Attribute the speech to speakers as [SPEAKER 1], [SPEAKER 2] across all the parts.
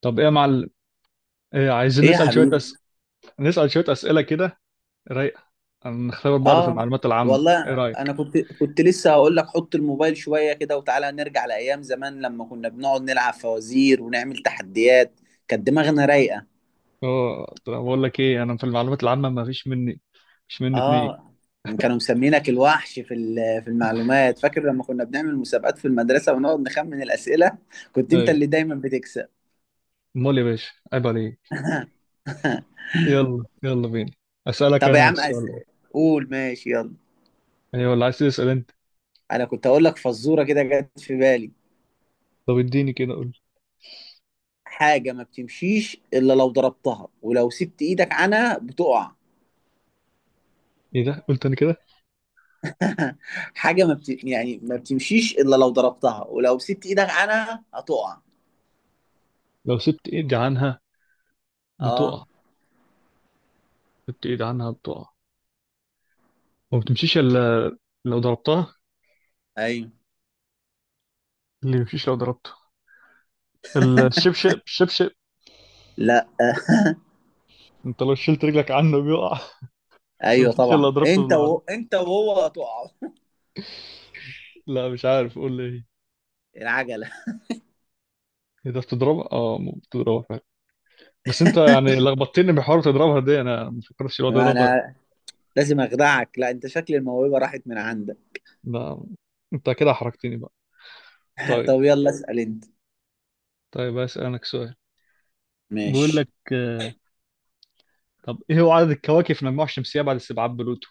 [SPEAKER 1] طب ايه يا معلم؟ إيه، عايزين
[SPEAKER 2] ايه يا
[SPEAKER 1] نسأل شوية
[SPEAKER 2] حبيبي.
[SPEAKER 1] نسأل شوية أسئلة كده، رايقة. نختبر بعض في
[SPEAKER 2] اه.
[SPEAKER 1] المعلومات العامة، ايه
[SPEAKER 2] والله انا
[SPEAKER 1] رأيك؟
[SPEAKER 2] كنت لسه هقول لك حط الموبايل شويه كده وتعالى نرجع لايام زمان لما كنا بنقعد نلعب فوازير ونعمل تحديات. كانت دماغنا رايقه.
[SPEAKER 1] اه. طب بقول لك ايه، انا في المعلومات العامة ما فيش مني، مش مني اتنين.
[SPEAKER 2] اه. كانوا مسمينك الوحش في المعلومات، فاكر لما كنا بنعمل مسابقات في المدرسه ونقعد نخمن الاسئله؟ كنت
[SPEAKER 1] اي،
[SPEAKER 2] انت اللي دايما بتكسب.
[SPEAKER 1] امال يا باشا؟ عيب عليك. يلا يلا بينا، أسألك
[SPEAKER 2] طب يا
[SPEAKER 1] انا
[SPEAKER 2] عم
[SPEAKER 1] السؤال.
[SPEAKER 2] قول ماشي يلا.
[SPEAKER 1] ايوه، ولا عايز تسأل انت؟
[SPEAKER 2] انا كنت هقول لك فزوره كده جت في بالي.
[SPEAKER 1] طب اديني كده، قول.
[SPEAKER 2] حاجه ما بتمشيش الا لو ضربتها ولو سبت ايدك عنها بتقع.
[SPEAKER 1] ايه ده؟ قلت انا كده
[SPEAKER 2] حاجه ما بت... يعني ما بتمشيش الا لو ضربتها ولو مسكت ايدك عنها هتقع.
[SPEAKER 1] لو سبت ايدي عنها
[SPEAKER 2] اه.
[SPEAKER 1] بتقع. سبت ايدي عنها بتقع، وما بتمشيش الا لو ضربتها.
[SPEAKER 2] ايوه.
[SPEAKER 1] اللي ما بيمشيش لو ضربته الشبشب، الشبشب.
[SPEAKER 2] لا.
[SPEAKER 1] انت لو شلت رجلك عنه بيقع،
[SPEAKER 2] ايوه
[SPEAKER 1] مفيش الا
[SPEAKER 2] طبعا.
[SPEAKER 1] ضربته بالارض.
[SPEAKER 2] انت وهو هتقع.
[SPEAKER 1] لا، مش عارف، قول لي ايه.
[SPEAKER 2] العجله.
[SPEAKER 1] إيه ده؟ بتضربها؟ اه ممكن تضربها فعلا، بس انت يعني لخبطتني بحوار تضربها دي، انا ما فكرتش لو تضربها.
[SPEAKER 2] انا لازم اخدعك، لا انت شكل الموهبه راحت من عندك.
[SPEAKER 1] ده انت كده حركتني بقى. طيب.
[SPEAKER 2] طب يلا اسال انت.
[SPEAKER 1] طيب اسالك سؤال. بقول لك.
[SPEAKER 2] ماشي.
[SPEAKER 1] طب ايه هو عدد الكواكب في المجموعه الشمسيه بعد استبعاد بلوتو؟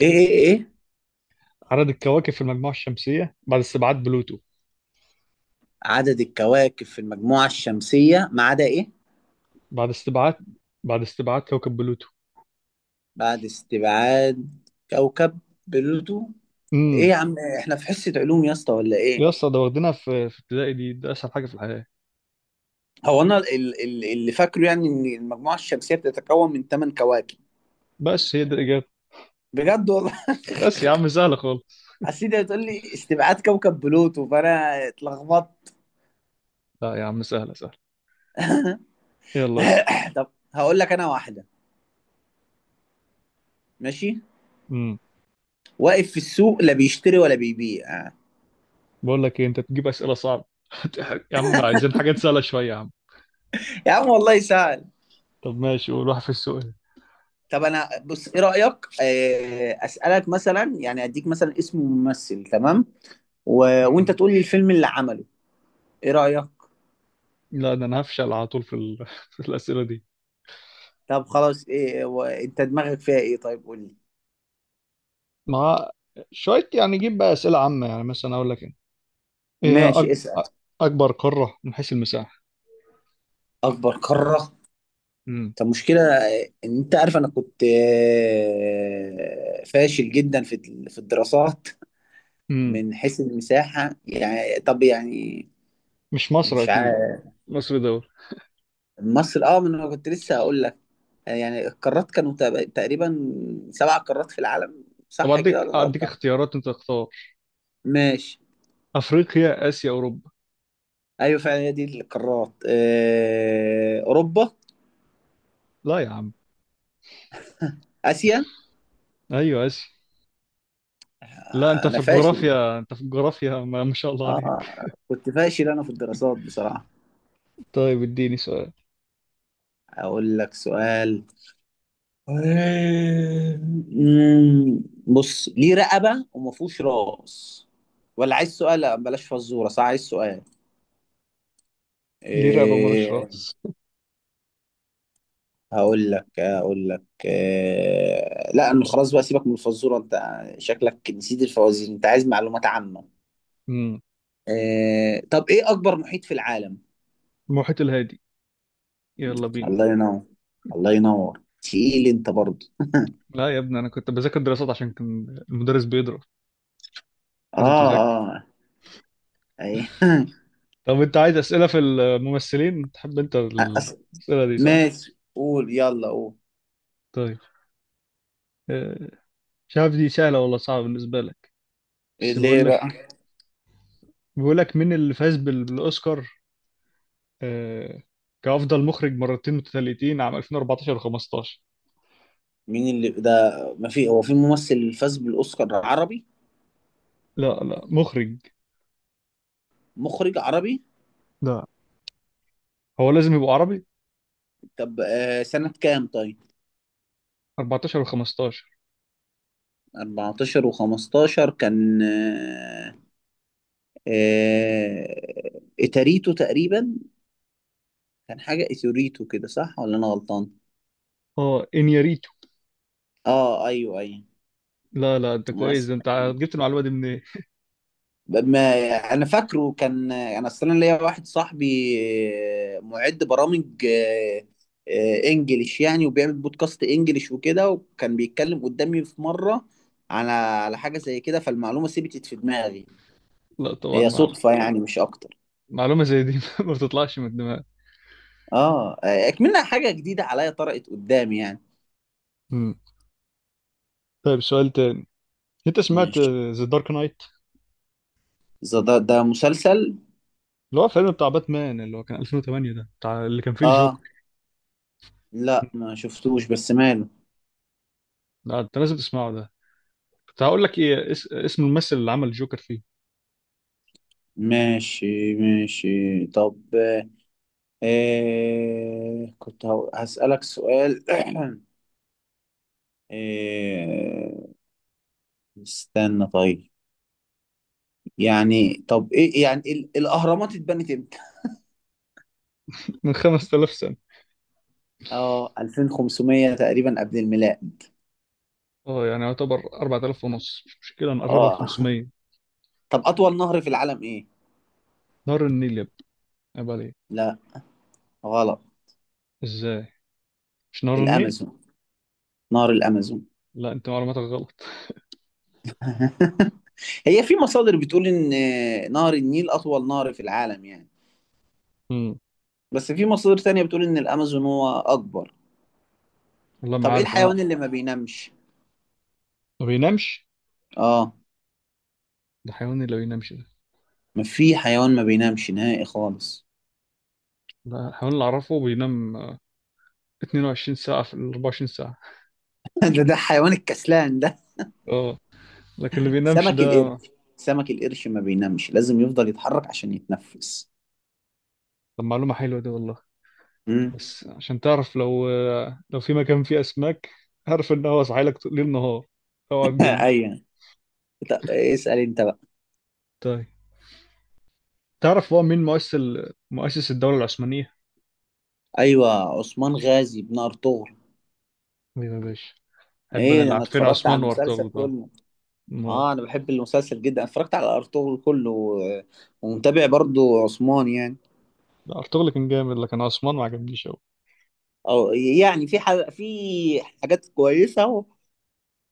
[SPEAKER 2] ايه ايه ايه؟
[SPEAKER 1] عدد الكواكب في المجموعه الشمسيه بعد استبعاد بلوتو.
[SPEAKER 2] عدد الكواكب في المجموعه الشمسيه ما عدا ايه؟
[SPEAKER 1] بعد استبعاد، بعد استبعاد كوكب بلوتو.
[SPEAKER 2] بعد استبعاد كوكب بلوتو. ايه
[SPEAKER 1] امم
[SPEAKER 2] يا عم؟ احنا في حصه علوم يا اسطى ولا
[SPEAKER 1] يا
[SPEAKER 2] ايه؟
[SPEAKER 1] اسطى ده واخدينها في ابتدائي، دي ده اسهل حاجه في الحياه.
[SPEAKER 2] هو انا اللي فاكره يعني ان المجموعه الشمسيه بتتكون من 8 كواكب.
[SPEAKER 1] بس هي دي الاجابه.
[SPEAKER 2] بجد والله؟
[SPEAKER 1] بس يا عم سهله خالص.
[SPEAKER 2] اصل انت بتقول لي استبعاد كوكب بلوتو فانا اتلخبطت.
[SPEAKER 1] لا يا عم، سهله سهله. يلا.
[SPEAKER 2] طب هقول لك انا واحده. ماشي.
[SPEAKER 1] امم.
[SPEAKER 2] واقف في السوق لا بيشتري ولا بيبيع.
[SPEAKER 1] بقول لك ايه، انت تجيب اسئله صعبه. يا عم عايزين حاجات سهله شويه يا عم.
[SPEAKER 2] يا عم والله سهل.
[SPEAKER 1] طب ماشي، قول، واحد في السؤال.
[SPEAKER 2] طب انا بص، ايه رايك، اسالك مثلا يعني اديك مثلا اسم ممثل، تمام، و... وانت
[SPEAKER 1] امم.
[SPEAKER 2] تقول لي الفيلم اللي عمله. ايه رايك؟
[SPEAKER 1] لا ده انا هفشل على طول في الاسئله دي.
[SPEAKER 2] طب خلاص، ايه انت دماغك فيها ايه، طيب قول لي.
[SPEAKER 1] مع شويه يعني، جيب بقى اسئله عامه. يعني مثلا اقول لك ايه، إيه هي أك...
[SPEAKER 2] ماشي اسال.
[SPEAKER 1] أ- اكبر قاره من حيث المساحه.
[SPEAKER 2] اكبر قاره.
[SPEAKER 1] امم.
[SPEAKER 2] طب مشكلة ان انت عارف انا كنت فاشل جدا في الدراسات.
[SPEAKER 1] امم.
[SPEAKER 2] من حيث المساحة يعني، طب يعني
[SPEAKER 1] مش مصر
[SPEAKER 2] مش عارف.
[SPEAKER 1] اكيد. مصر دول.
[SPEAKER 2] مصر. اه من انا كنت لسه هقول لك، يعني القارات كانوا تقريبا سبع قارات في العالم،
[SPEAKER 1] طب
[SPEAKER 2] صح كده
[SPEAKER 1] اديك،
[SPEAKER 2] ولا انا
[SPEAKER 1] اديك
[SPEAKER 2] غلطان؟
[SPEAKER 1] اختيارات انت تختار.
[SPEAKER 2] ماشي.
[SPEAKER 1] افريقيا، اسيا، اوروبا.
[SPEAKER 2] ايوه فعلا هي دي القارات. اوروبا.
[SPEAKER 1] لا يا عم.
[SPEAKER 2] اسيا.
[SPEAKER 1] ايوه اسيا. لا انت في
[SPEAKER 2] انا فاشل.
[SPEAKER 1] الجغرافيا، انت في الجغرافيا ما شاء الله عليك.
[SPEAKER 2] اه كنت فاشل انا في الدراسات بصراحة.
[SPEAKER 1] طيب اديني سؤال.
[SPEAKER 2] اقول لك سؤال. أمم، بص، ليه رقبة وما فيهوش راس؟ ولا عايز سؤال؟ لا بلاش فزورة، صح، عايز سؤال.
[SPEAKER 1] ليه رقبة مالوش
[SPEAKER 2] إيه؟
[SPEAKER 1] راس؟
[SPEAKER 2] هقول لك إيه، لا انا خلاص بقى سيبك من الفزورة انت. شكلك نسيت الفوازير، انت عايز معلومات عامة.
[SPEAKER 1] امم.
[SPEAKER 2] إيه طب، ايه اكبر محيط في العالم؟
[SPEAKER 1] المحيط الهادي. يلا بينا.
[SPEAKER 2] الله ينور. الله ينور، تقيل انت برضه.
[SPEAKER 1] لا يا ابني، انا كنت بذاكر دراسات عشان كان المدرس بيضرب، لازم
[SPEAKER 2] اه.
[SPEAKER 1] تذاكر.
[SPEAKER 2] اه. ايه.
[SPEAKER 1] طب انت عايز اسئله في الممثلين؟ تحب انت
[SPEAKER 2] أص-
[SPEAKER 1] الاسئله دي صح؟
[SPEAKER 2] ماشي، قول يلا قول.
[SPEAKER 1] طيب. آه، مش عارف دي سهله ولا صعبه بالنسبه لك، بس
[SPEAKER 2] ليه
[SPEAKER 1] بقول لك.
[SPEAKER 2] بقى؟
[SPEAKER 1] بقول لك مين اللي فاز بالاوسكار آه، كافضل مخرج مرتين متتاليتين عام 2014 و15؟
[SPEAKER 2] مين اللي ده؟ ما في هو في ممثل فاز بالاوسكار عربي؟
[SPEAKER 1] لا لا، مخرج.
[SPEAKER 2] مخرج عربي.
[SPEAKER 1] لا، هو لازم يبقى عربي؟
[SPEAKER 2] طب آه سنة كام طيب؟
[SPEAKER 1] 14 و15.
[SPEAKER 2] 14 و15 كان. آه اتاريتو تقريبا. كان حاجة اتوريتو كده، صح ولا انا غلطان؟
[SPEAKER 1] اه، انياريتو.
[SPEAKER 2] اه ايوه.
[SPEAKER 1] لا لا، انت كويس ده
[SPEAKER 2] ايوه.
[SPEAKER 1] انت، جبت المعلومه دي منين؟
[SPEAKER 2] ما انا فاكره. كان انا اصلا ليا واحد صاحبي، معد برامج، انجليش يعني، وبيعمل بودكاست انجليش وكده، وكان بيتكلم قدامي في مره على حاجه زي كده، فالمعلومه ثبتت في دماغي.
[SPEAKER 1] لا طبعا
[SPEAKER 2] هي صدفه يعني مش اكتر.
[SPEAKER 1] معلومه زي دي ما بتطلعش من الدماغ.
[SPEAKER 2] اه اكملها حاجه جديده عليا، طرقت قدامي يعني.
[SPEAKER 1] مم. طيب سؤال تاني، انت سمعت
[SPEAKER 2] ماشي.
[SPEAKER 1] ذا دارك نايت؟
[SPEAKER 2] إذا ده مسلسل؟
[SPEAKER 1] اللي هو فيلم بتاع باتمان، اللي هو كان 2008، ده بتاع اللي كان فيه
[SPEAKER 2] اه
[SPEAKER 1] الجوكر.
[SPEAKER 2] لا ما شفتوش بس ماله.
[SPEAKER 1] لا انت لازم تسمعه ده. كنت هقول لك ايه، اسم الممثل اللي عمل الجوكر فيه.
[SPEAKER 2] ماشي ماشي طب. إيه كنت هسألك سؤال. إيه. استنى طيب. يعني طب ايه يعني الاهرامات اتبنت امتى؟
[SPEAKER 1] من 5000 سنه.
[SPEAKER 2] اه 2500 تقريبا قبل الميلاد.
[SPEAKER 1] اه يعني يعتبر 4000 ونص، مش مشكله نقربها ل
[SPEAKER 2] اه.
[SPEAKER 1] 500.
[SPEAKER 2] طب اطول نهر في العالم ايه؟
[SPEAKER 1] نهر النيل يا ابني، عيب عليك.
[SPEAKER 2] لا. غلط.
[SPEAKER 1] ازاي؟ مش نهر النيل؟
[SPEAKER 2] الامازون. نهر الامازون.
[SPEAKER 1] لا، انت معلوماتك غلط.
[SPEAKER 2] هي في مصادر بتقول ان نهر النيل اطول نهر في العالم يعني،
[SPEAKER 1] مم.
[SPEAKER 2] بس في مصادر تانية بتقول ان الامازون هو اكبر.
[SPEAKER 1] والله ما
[SPEAKER 2] طب ايه
[SPEAKER 1] عارف انا.
[SPEAKER 2] الحيوان اللي ما بينامش؟
[SPEAKER 1] ما بينامش؟
[SPEAKER 2] اه.
[SPEAKER 1] ده حيوان اللي بينامش؟
[SPEAKER 2] ما في حيوان ما بينامش نهائي خالص.
[SPEAKER 1] ده حيوان اللي أعرفه بينام 22 ساعة في ال 24 ساعة.
[SPEAKER 2] ده حيوان الكسلان ده.
[SPEAKER 1] اه. لكن اللي بينامش
[SPEAKER 2] سمك
[SPEAKER 1] ده.
[SPEAKER 2] القرش. سمك القرش ما بينامش، لازم يفضل يتحرك عشان يتنفس.
[SPEAKER 1] طب معلومة حلوة دي والله.
[SPEAKER 2] مم.
[SPEAKER 1] بس عشان تعرف لو لو في مكان فيه أسماك، عارف إن هو صاحي لك ليل نهار، أوعى تجمد.
[SPEAKER 2] ايوه. طب اسأل انت بقى.
[SPEAKER 1] طيب تعرف هو مين مؤسس مؤسس الدولة العثمانية؟
[SPEAKER 2] ايوه. عثمان غازي بن ارطغرل.
[SPEAKER 1] مين يا باشا؟ أحب أنا
[SPEAKER 2] ايه ده،
[SPEAKER 1] اللي
[SPEAKER 2] انا
[SPEAKER 1] عارفين
[SPEAKER 2] اتفرجت على
[SPEAKER 1] عثمان
[SPEAKER 2] المسلسل
[SPEAKER 1] وأرطغرل ده.
[SPEAKER 2] كله.
[SPEAKER 1] ما
[SPEAKER 2] اه انا بحب المسلسل جدا، اتفرجت على ارطغرل كله ومتابع برضو عثمان يعني.
[SPEAKER 1] ده أرطغرل كان جامد، لكن عثمان ما عجبنيش أوي.
[SPEAKER 2] او يعني في حاجة، حاجات كويسة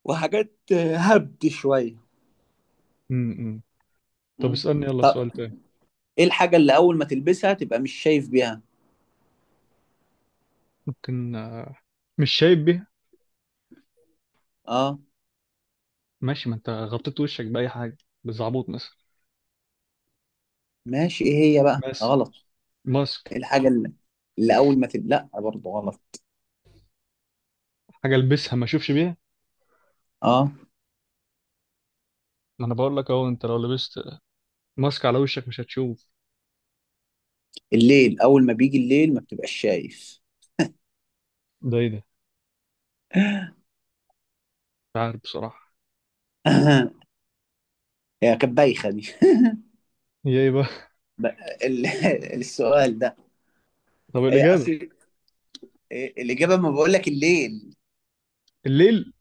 [SPEAKER 2] وحاجات هبد شوية.
[SPEAKER 1] امم. طب
[SPEAKER 2] مم.
[SPEAKER 1] اسألني يلا سؤال تاني.
[SPEAKER 2] ايه الحاجة اللي اول ما تلبسها تبقى مش شايف بيها؟
[SPEAKER 1] ممكن مش شايب بيه.
[SPEAKER 2] اه.
[SPEAKER 1] ماشي، ما أنت غطيت وشك بأي حاجة، بالزعبوط مثلا.
[SPEAKER 2] ماشي ايه، هي بقى
[SPEAKER 1] بس
[SPEAKER 2] غلط.
[SPEAKER 1] ماسك.
[SPEAKER 2] ايه الحاجة اللي اول ما لا برضه غلط.
[SPEAKER 1] حاجة البسها ما اشوفش بيها.
[SPEAKER 2] اه.
[SPEAKER 1] ما انا بقول لك اهو، انت لو لبست ماسك على وشك مش هتشوف.
[SPEAKER 2] الليل، اول ما بيجي الليل ما بتبقاش شايف.
[SPEAKER 1] ده ايه ده؟ مش عارف بصراحة.
[SPEAKER 2] هي كانت بايخة دي.
[SPEAKER 1] هي ايه بقى؟
[SPEAKER 2] ب... ال... السؤال ده.
[SPEAKER 1] طب
[SPEAKER 2] هي
[SPEAKER 1] الإجابة؟
[SPEAKER 2] اصل الاجابة، ما بقول لك الليل.
[SPEAKER 1] الليل.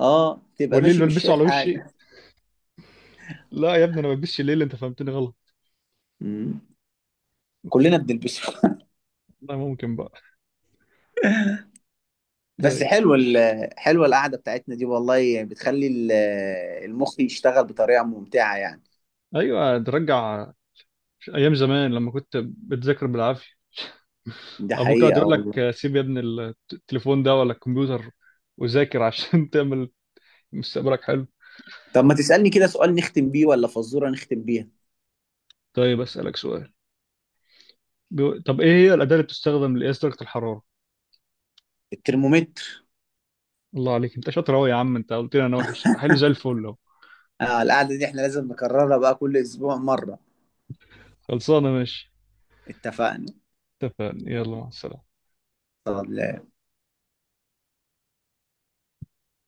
[SPEAKER 2] اه تبقى
[SPEAKER 1] والليل
[SPEAKER 2] ماشي مش
[SPEAKER 1] بلبسه
[SPEAKER 2] شايف
[SPEAKER 1] على وشي؟
[SPEAKER 2] حاجة.
[SPEAKER 1] لا يا ابني انا ما بلبسش الليل، انت فهمتني غلط.
[SPEAKER 2] مم. كلنا بنلبسه.
[SPEAKER 1] لا ممكن بقى.
[SPEAKER 2] بس
[SPEAKER 1] طيب.
[SPEAKER 2] حلوه حلوه القعدة بتاعتنا دي والله، يعني بتخلي المخ يشتغل بطريقة ممتعة يعني.
[SPEAKER 1] ايوه، ترجع ايام زمان لما كنت بتذاكر بالعافية،
[SPEAKER 2] دي
[SPEAKER 1] ابوك يقعد
[SPEAKER 2] حقيقة
[SPEAKER 1] يقول
[SPEAKER 2] والله.
[SPEAKER 1] لك سيب يا ابني التليفون ده ولا الكمبيوتر، وذاكر عشان تعمل مستقبلك حلو.
[SPEAKER 2] طب ما تسألني كده سؤال نختم بيه، ولا فزورة نختم بيها.
[SPEAKER 1] طيب اسالك سؤال. طب ايه هي الاداه اللي بتستخدم لقياس درجه الحراره؟
[SPEAKER 2] الترمومتر.
[SPEAKER 1] الله عليك، انت شاطر قوي يا عم. انت قلت لي انا وحش، حلو زي الفل اهو.
[SPEAKER 2] آه، القعدة دي احنا لازم نكررها بقى كل أسبوع مرة.
[SPEAKER 1] خلصانه، ماشي.
[SPEAKER 2] اتفقنا.
[SPEAKER 1] اتفقنا، يلا مع السلامه.
[SPEAKER 2] طب.